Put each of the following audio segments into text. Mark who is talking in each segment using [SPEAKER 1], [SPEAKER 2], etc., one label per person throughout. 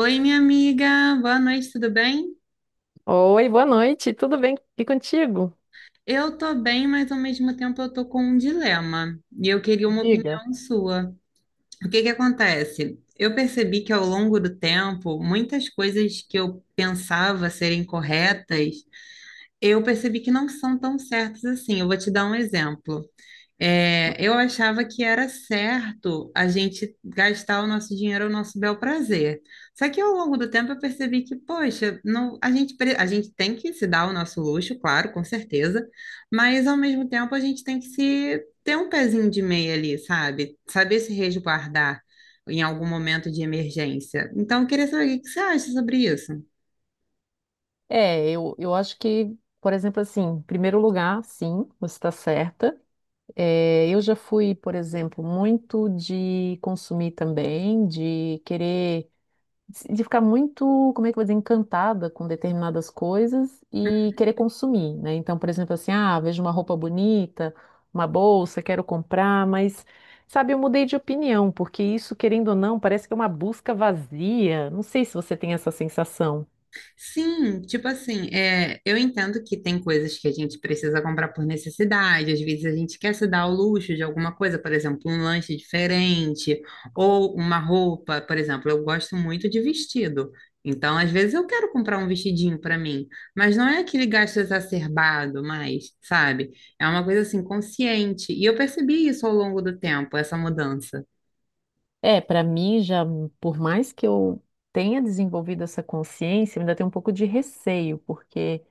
[SPEAKER 1] Oi, minha amiga, boa noite, tudo bem?
[SPEAKER 2] Oi, boa noite, tudo bem? E contigo?
[SPEAKER 1] Eu tô bem, mas ao mesmo tempo eu tô com um dilema e eu queria uma
[SPEAKER 2] Diga.
[SPEAKER 1] opinião sua. O que que acontece? Eu percebi que ao longo do tempo, muitas coisas que eu pensava serem corretas, eu percebi que não são tão certas assim. Eu vou te dar um exemplo. É, eu achava que era certo a gente gastar o nosso dinheiro ao nosso bel prazer. Só que ao longo do tempo eu percebi que, poxa, não, a gente tem que se dar o nosso luxo, claro, com certeza, mas ao mesmo tempo a gente tem que se ter um pezinho de meia ali, sabe? Saber se resguardar em algum momento de emergência. Então, eu queria saber o que que você acha sobre isso.
[SPEAKER 2] Eu acho que, por exemplo, assim, em primeiro lugar, sim, você está certa. Eu já fui, por exemplo, muito de consumir também, de querer. De ficar muito, como é que eu vou dizer, encantada com determinadas coisas e querer consumir, né? Então, por exemplo, assim, ah, vejo uma roupa bonita, uma bolsa, quero comprar, mas, sabe, eu mudei de opinião, porque isso, querendo ou não, parece que é uma busca vazia. Não sei se você tem essa sensação.
[SPEAKER 1] Sim, tipo assim, é, eu entendo que tem coisas que a gente precisa comprar por necessidade, às vezes a gente quer se dar ao luxo de alguma coisa, por exemplo, um lanche diferente ou uma roupa, por exemplo, eu gosto muito de vestido. Então, às vezes eu quero comprar um vestidinho para mim, mas não é aquele gasto exacerbado mais, sabe? É uma coisa assim consciente. E eu percebi isso ao longo do tempo, essa mudança.
[SPEAKER 2] Para mim já, por mais que eu tenha desenvolvido essa consciência, eu ainda tenho um pouco de receio, porque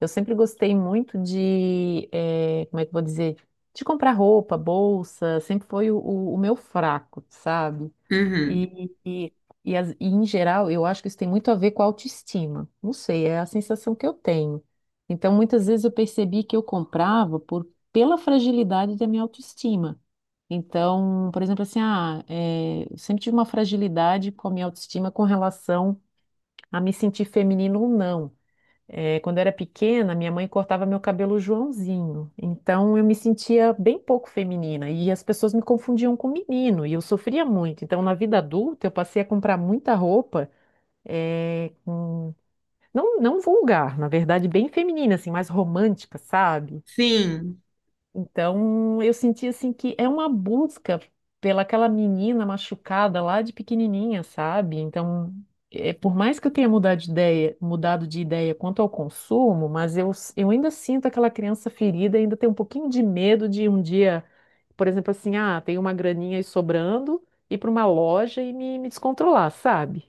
[SPEAKER 2] eu sempre gostei muito de, como é que eu vou dizer, de comprar roupa, bolsa, sempre foi o meu fraco, sabe?
[SPEAKER 1] Uhum.
[SPEAKER 2] E, e, e em geral, eu acho que isso tem muito a ver com a autoestima. Não sei, é a sensação que eu tenho. Então, muitas vezes eu percebi que eu comprava por, pela fragilidade da minha autoestima. Então, por exemplo, assim, eu sempre tive uma fragilidade com a minha autoestima com relação a me sentir feminino ou não. É, quando eu era pequena, minha mãe cortava meu cabelo Joãozinho. Então eu me sentia bem pouco feminina e as pessoas me confundiam com menino e eu sofria muito. Então na vida adulta eu passei a comprar muita roupa, é, com- não, não vulgar, na verdade bem feminina, assim, mais romântica, sabe?
[SPEAKER 1] Sim.
[SPEAKER 2] Então, eu senti assim que é uma busca pela aquela menina machucada lá de pequenininha, sabe? Então, é, por mais que eu tenha mudado de ideia quanto ao consumo, mas eu ainda sinto aquela criança ferida, ainda tem um pouquinho de medo de um dia, por exemplo, assim, ah, tem uma graninha aí sobrando, ir para uma loja e me descontrolar, sabe?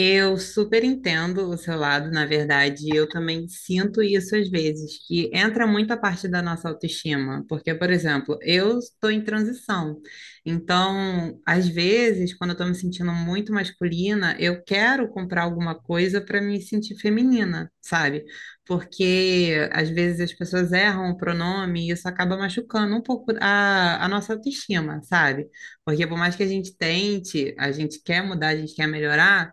[SPEAKER 1] Eu super entendo o seu lado, na verdade, eu também sinto isso às vezes, que entra muito a parte da nossa autoestima, porque, por exemplo, eu estou em transição, então, às vezes, quando eu estou me sentindo muito masculina, eu quero comprar alguma coisa para me sentir feminina, sabe? Porque às vezes as pessoas erram o pronome e isso acaba machucando um pouco a nossa autoestima, sabe? Porque por mais que a gente tente, a gente quer mudar, a gente quer melhorar.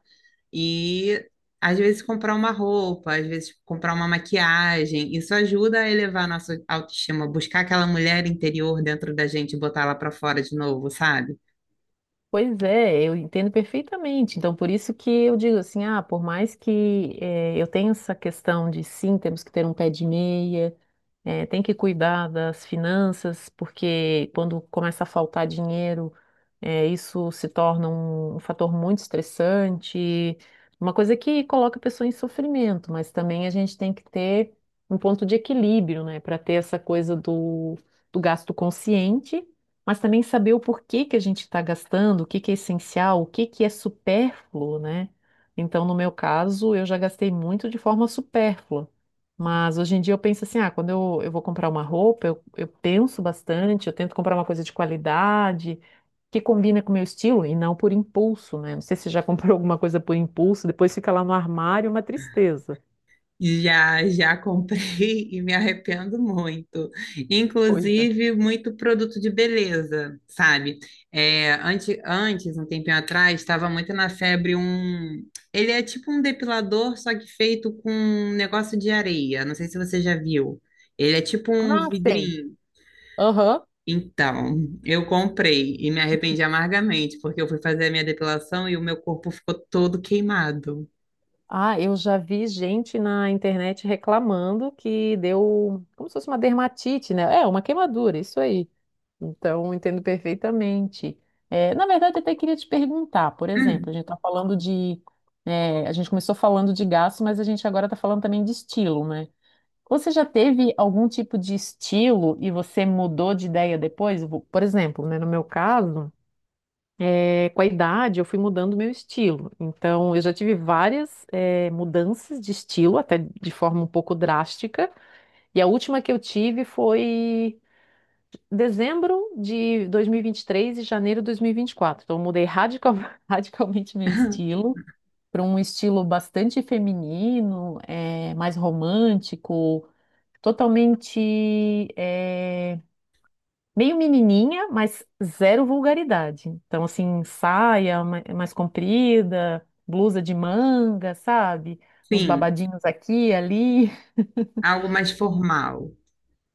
[SPEAKER 1] E às vezes comprar uma roupa, às vezes comprar uma maquiagem, isso ajuda a elevar a nossa autoestima, buscar aquela mulher interior dentro da gente e botar ela para fora de novo, sabe?
[SPEAKER 2] Pois é, eu entendo perfeitamente. Então, por isso que eu digo assim, ah, por mais que eu tenha essa questão de sim, temos que ter um pé de meia, é, tem que cuidar das finanças, porque quando começa a faltar dinheiro, é, isso se torna um fator muito estressante, uma coisa que coloca a pessoa em sofrimento, mas também a gente tem que ter um ponto de equilíbrio, né, para ter essa coisa do gasto consciente, mas também saber o porquê que a gente está gastando, o que que é essencial, o que que é supérfluo, né? Então, no meu caso, eu já gastei muito de forma supérflua. Mas hoje em dia eu penso assim, ah, quando eu vou comprar uma roupa, eu penso bastante, eu tento comprar uma coisa de qualidade, que combina com o meu estilo e não por impulso, né? Não sei se você já comprou alguma coisa por impulso, depois fica lá no armário, uma tristeza.
[SPEAKER 1] Já, já comprei e me arrependo muito.
[SPEAKER 2] Pois é.
[SPEAKER 1] Inclusive, muito produto de beleza, sabe? É, antes, um tempinho atrás, estava muito na febre um. Ele é tipo um depilador, só que feito com um negócio de areia. Não sei se você já viu. Ele é tipo um
[SPEAKER 2] Ah, sei.
[SPEAKER 1] vidrinho.
[SPEAKER 2] Aham.
[SPEAKER 1] Então, eu comprei e me arrependi amargamente, porque eu fui fazer a minha depilação e o meu corpo ficou todo queimado.
[SPEAKER 2] Ah, eu já vi gente na internet reclamando que deu como se fosse uma dermatite, né? É, uma queimadura, isso aí. Então, eu entendo perfeitamente. É, na verdade, eu até queria te perguntar, por exemplo, a gente está falando de. É, a gente começou falando de gasto, mas a gente agora está falando também de estilo, né? Você já teve algum tipo de estilo e você mudou de ideia depois? Por exemplo, né, no meu caso, é, com a idade, eu fui mudando meu estilo. Então, eu já tive várias, é, mudanças de estilo, até de forma um pouco drástica. E a última que eu tive foi dezembro de 2023 e vinte e três e janeiro de 2024. Então, eu mudei radical- radicalmente meu
[SPEAKER 1] Hum.
[SPEAKER 2] estilo para um estilo bastante feminino, é, mais romântico, totalmente é, meio menininha, mas zero vulgaridade. Então, assim, saia mais comprida, blusa de manga, sabe? Uns
[SPEAKER 1] Sim,
[SPEAKER 2] babadinhos aqui ali.
[SPEAKER 1] algo mais formal.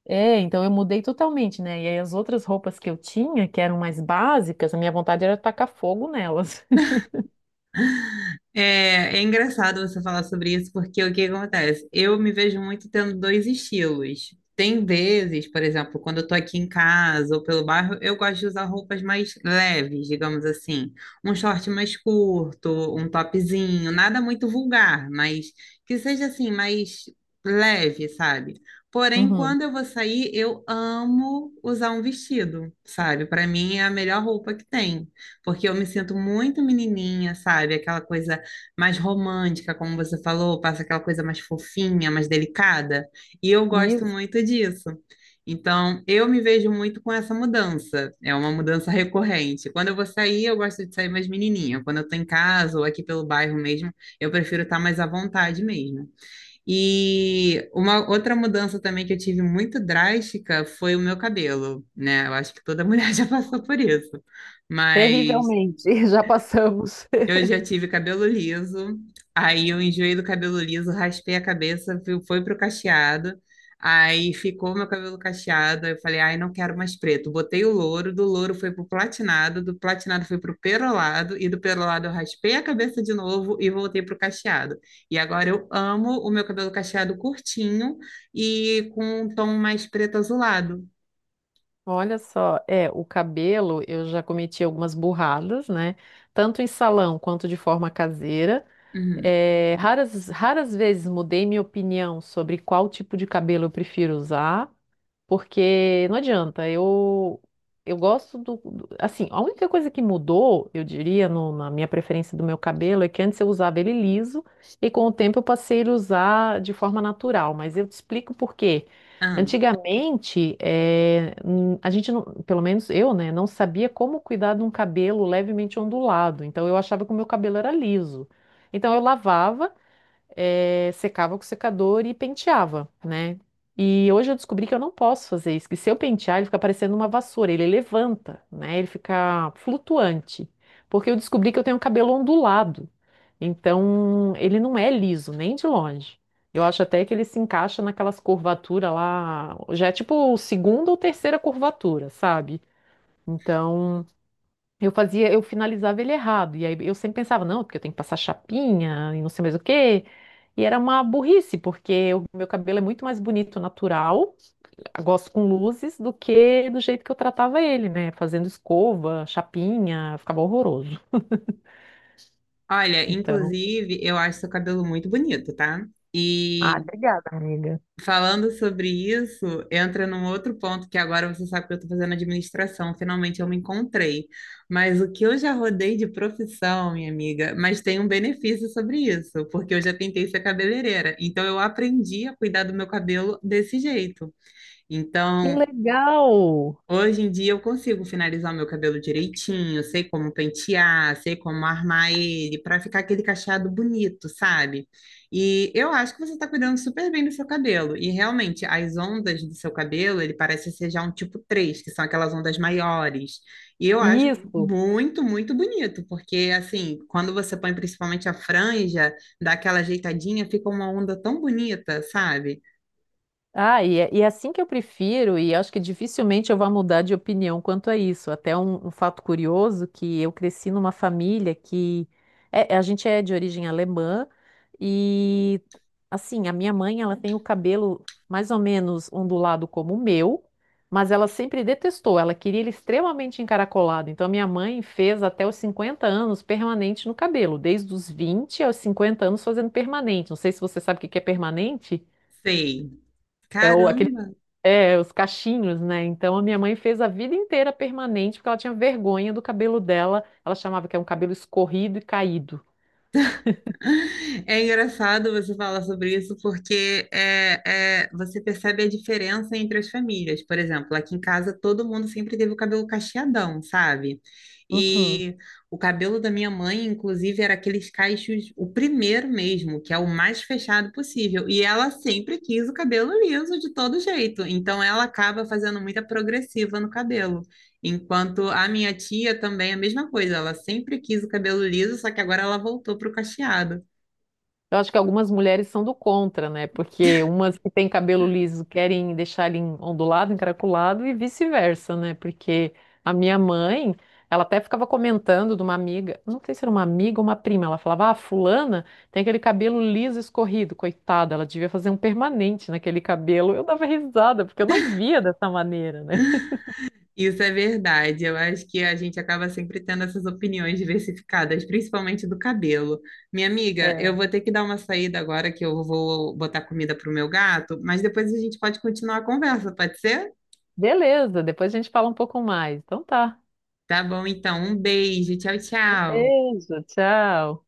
[SPEAKER 2] É, então eu mudei totalmente, né? E aí as outras roupas que eu tinha, que eram mais básicas, a minha vontade era tacar fogo nelas.
[SPEAKER 1] É, é engraçado você falar sobre isso, porque o que acontece? Eu me vejo muito tendo dois estilos. Tem vezes, por exemplo, quando eu tô aqui em casa ou pelo bairro, eu gosto de usar roupas mais leves, digamos assim. Um short mais curto, um topzinho, nada muito vulgar, mas que seja assim, mais leve, sabe? Porém,
[SPEAKER 2] Uhum.
[SPEAKER 1] quando eu vou sair, eu amo usar um vestido, sabe? Para mim é a melhor roupa que tem, porque eu me sinto muito menininha, sabe? Aquela coisa mais romântica, como você falou, passa aquela coisa mais fofinha, mais delicada, e eu gosto
[SPEAKER 2] Isso,
[SPEAKER 1] muito disso. Então, eu me vejo muito com essa mudança. É uma mudança recorrente. Quando eu vou sair, eu gosto de sair mais menininha. Quando eu tô em casa ou aqui pelo bairro mesmo, eu prefiro estar mais à vontade mesmo. E uma outra mudança também que eu tive muito drástica foi o meu cabelo, né? Eu acho que toda mulher já passou por isso. Mas
[SPEAKER 2] terrivelmente, já passamos.
[SPEAKER 1] eu já tive cabelo liso, aí eu enjoei do cabelo liso, raspei a cabeça, foi pro cacheado, aí ficou meu cabelo cacheado, aí eu falei, ai, não quero mais preto. Botei o louro, do louro foi pro platinado, do platinado foi pro perolado, e do perolado eu raspei a cabeça de novo e voltei pro cacheado. E agora eu amo o meu cabelo cacheado curtinho e com um tom mais preto azulado.
[SPEAKER 2] Olha só, é, o cabelo eu já cometi algumas burradas, né? Tanto em salão quanto de forma caseira.
[SPEAKER 1] Uhum.
[SPEAKER 2] É, raras, raras vezes mudei minha opinião sobre qual tipo de cabelo eu prefiro usar. Porque não adianta, eu gosto assim, a única coisa que mudou, eu diria, na minha preferência do meu cabelo é que antes eu usava ele liso e com o tempo eu passei a usar de forma natural, mas eu te explico por quê.
[SPEAKER 1] Ah.
[SPEAKER 2] Antigamente, a gente não, pelo menos eu, né, não sabia como cuidar de um cabelo levemente ondulado, então eu achava que o meu cabelo era liso. Então eu lavava secava com o secador e penteava, né? E hoje eu descobri que eu não posso fazer isso, que se eu pentear, ele fica parecendo uma vassoura, ele levanta, né? Ele fica flutuante. Porque eu descobri que eu tenho cabelo ondulado. Então, ele não é liso, nem de longe. Eu acho até que ele se encaixa naquelas curvaturas lá, já é tipo segunda ou terceira curvatura, sabe? Então, eu fazia, eu finalizava ele errado. E aí eu sempre pensava, não, porque eu tenho que passar chapinha e não sei mais o quê. E era uma burrice, porque o meu cabelo é muito mais bonito natural, eu gosto com luzes, do que do jeito que eu tratava ele, né? Fazendo escova, chapinha, ficava horroroso.
[SPEAKER 1] Olha,
[SPEAKER 2] Então.
[SPEAKER 1] inclusive, eu acho seu cabelo muito bonito, tá?
[SPEAKER 2] Ah,
[SPEAKER 1] E
[SPEAKER 2] obrigada, amiga.
[SPEAKER 1] falando sobre isso, entra num outro ponto que agora você sabe que eu estou fazendo administração, finalmente eu me encontrei. Mas o que eu já rodei de profissão, minha amiga, mas tem um benefício sobre isso, porque eu já tentei ser cabeleireira, então eu aprendi a cuidar do meu cabelo desse jeito.
[SPEAKER 2] Que
[SPEAKER 1] Então,
[SPEAKER 2] legal!
[SPEAKER 1] hoje em dia eu consigo finalizar o meu cabelo direitinho, sei como pentear, sei como armar ele para ficar aquele cacheado bonito, sabe? E eu acho que você está cuidando super bem do seu cabelo. E realmente, as ondas do seu cabelo, ele parece ser já um tipo 3, que são aquelas ondas maiores. E eu acho
[SPEAKER 2] Isso!
[SPEAKER 1] muito, muito bonito, porque assim, quando você põe principalmente a franja, dá aquela ajeitadinha, fica uma onda tão bonita, sabe?
[SPEAKER 2] Ah, e é assim que eu prefiro, e acho que dificilmente eu vou mudar de opinião quanto a isso. Até um fato curioso que eu cresci numa família que a gente é de origem alemã e assim, a minha mãe, ela tem o cabelo mais ou menos ondulado como o meu, mas ela sempre detestou, ela queria ele extremamente encaracolado. Então a minha mãe fez até os 50 anos permanente no cabelo, desde os 20 aos 50 anos fazendo permanente. Não sei se você sabe o que que é permanente.
[SPEAKER 1] Sei.
[SPEAKER 2] É o, aquele
[SPEAKER 1] Caramba!
[SPEAKER 2] é, os cachinhos, né? Então a minha mãe fez a vida inteira permanente porque ela tinha vergonha do cabelo dela. Ela chamava que é um cabelo escorrido e caído.
[SPEAKER 1] É engraçado você falar sobre isso porque você percebe a diferença entre as famílias. Por exemplo, aqui em casa todo mundo sempre teve o cabelo cacheadão, sabe?
[SPEAKER 2] Uhum.
[SPEAKER 1] E o cabelo da minha mãe, inclusive, era aqueles cachos, o primeiro mesmo, que é o mais fechado possível. E ela sempre quis o cabelo liso de todo jeito. Então ela acaba fazendo muita progressiva no cabelo. Enquanto a minha tia também é a mesma coisa, ela sempre quis o cabelo liso, só que agora ela voltou para o cacheado.
[SPEAKER 2] Eu acho que algumas mulheres são do contra, né? Porque umas que têm cabelo liso querem deixar ele ondulado, encaracolado e vice-versa, né? Porque a minha mãe, ela até ficava comentando de uma amiga, não sei se era uma amiga ou uma prima, ela falava: Ah, fulana tem aquele cabelo liso escorrido, coitada, ela devia fazer um permanente naquele cabelo. Eu dava risada, porque eu não via dessa maneira, né?
[SPEAKER 1] Isso é verdade. Eu acho que a gente acaba sempre tendo essas opiniões diversificadas, principalmente do cabelo. Minha amiga,
[SPEAKER 2] É.
[SPEAKER 1] eu vou ter que dar uma saída agora que eu vou botar comida pro meu gato, mas depois a gente pode continuar a conversa, pode ser?
[SPEAKER 2] Beleza, depois a gente fala um pouco mais. Então tá.
[SPEAKER 1] Tá bom, então. Um beijo. Tchau,
[SPEAKER 2] Um
[SPEAKER 1] tchau.
[SPEAKER 2] beijo, tchau.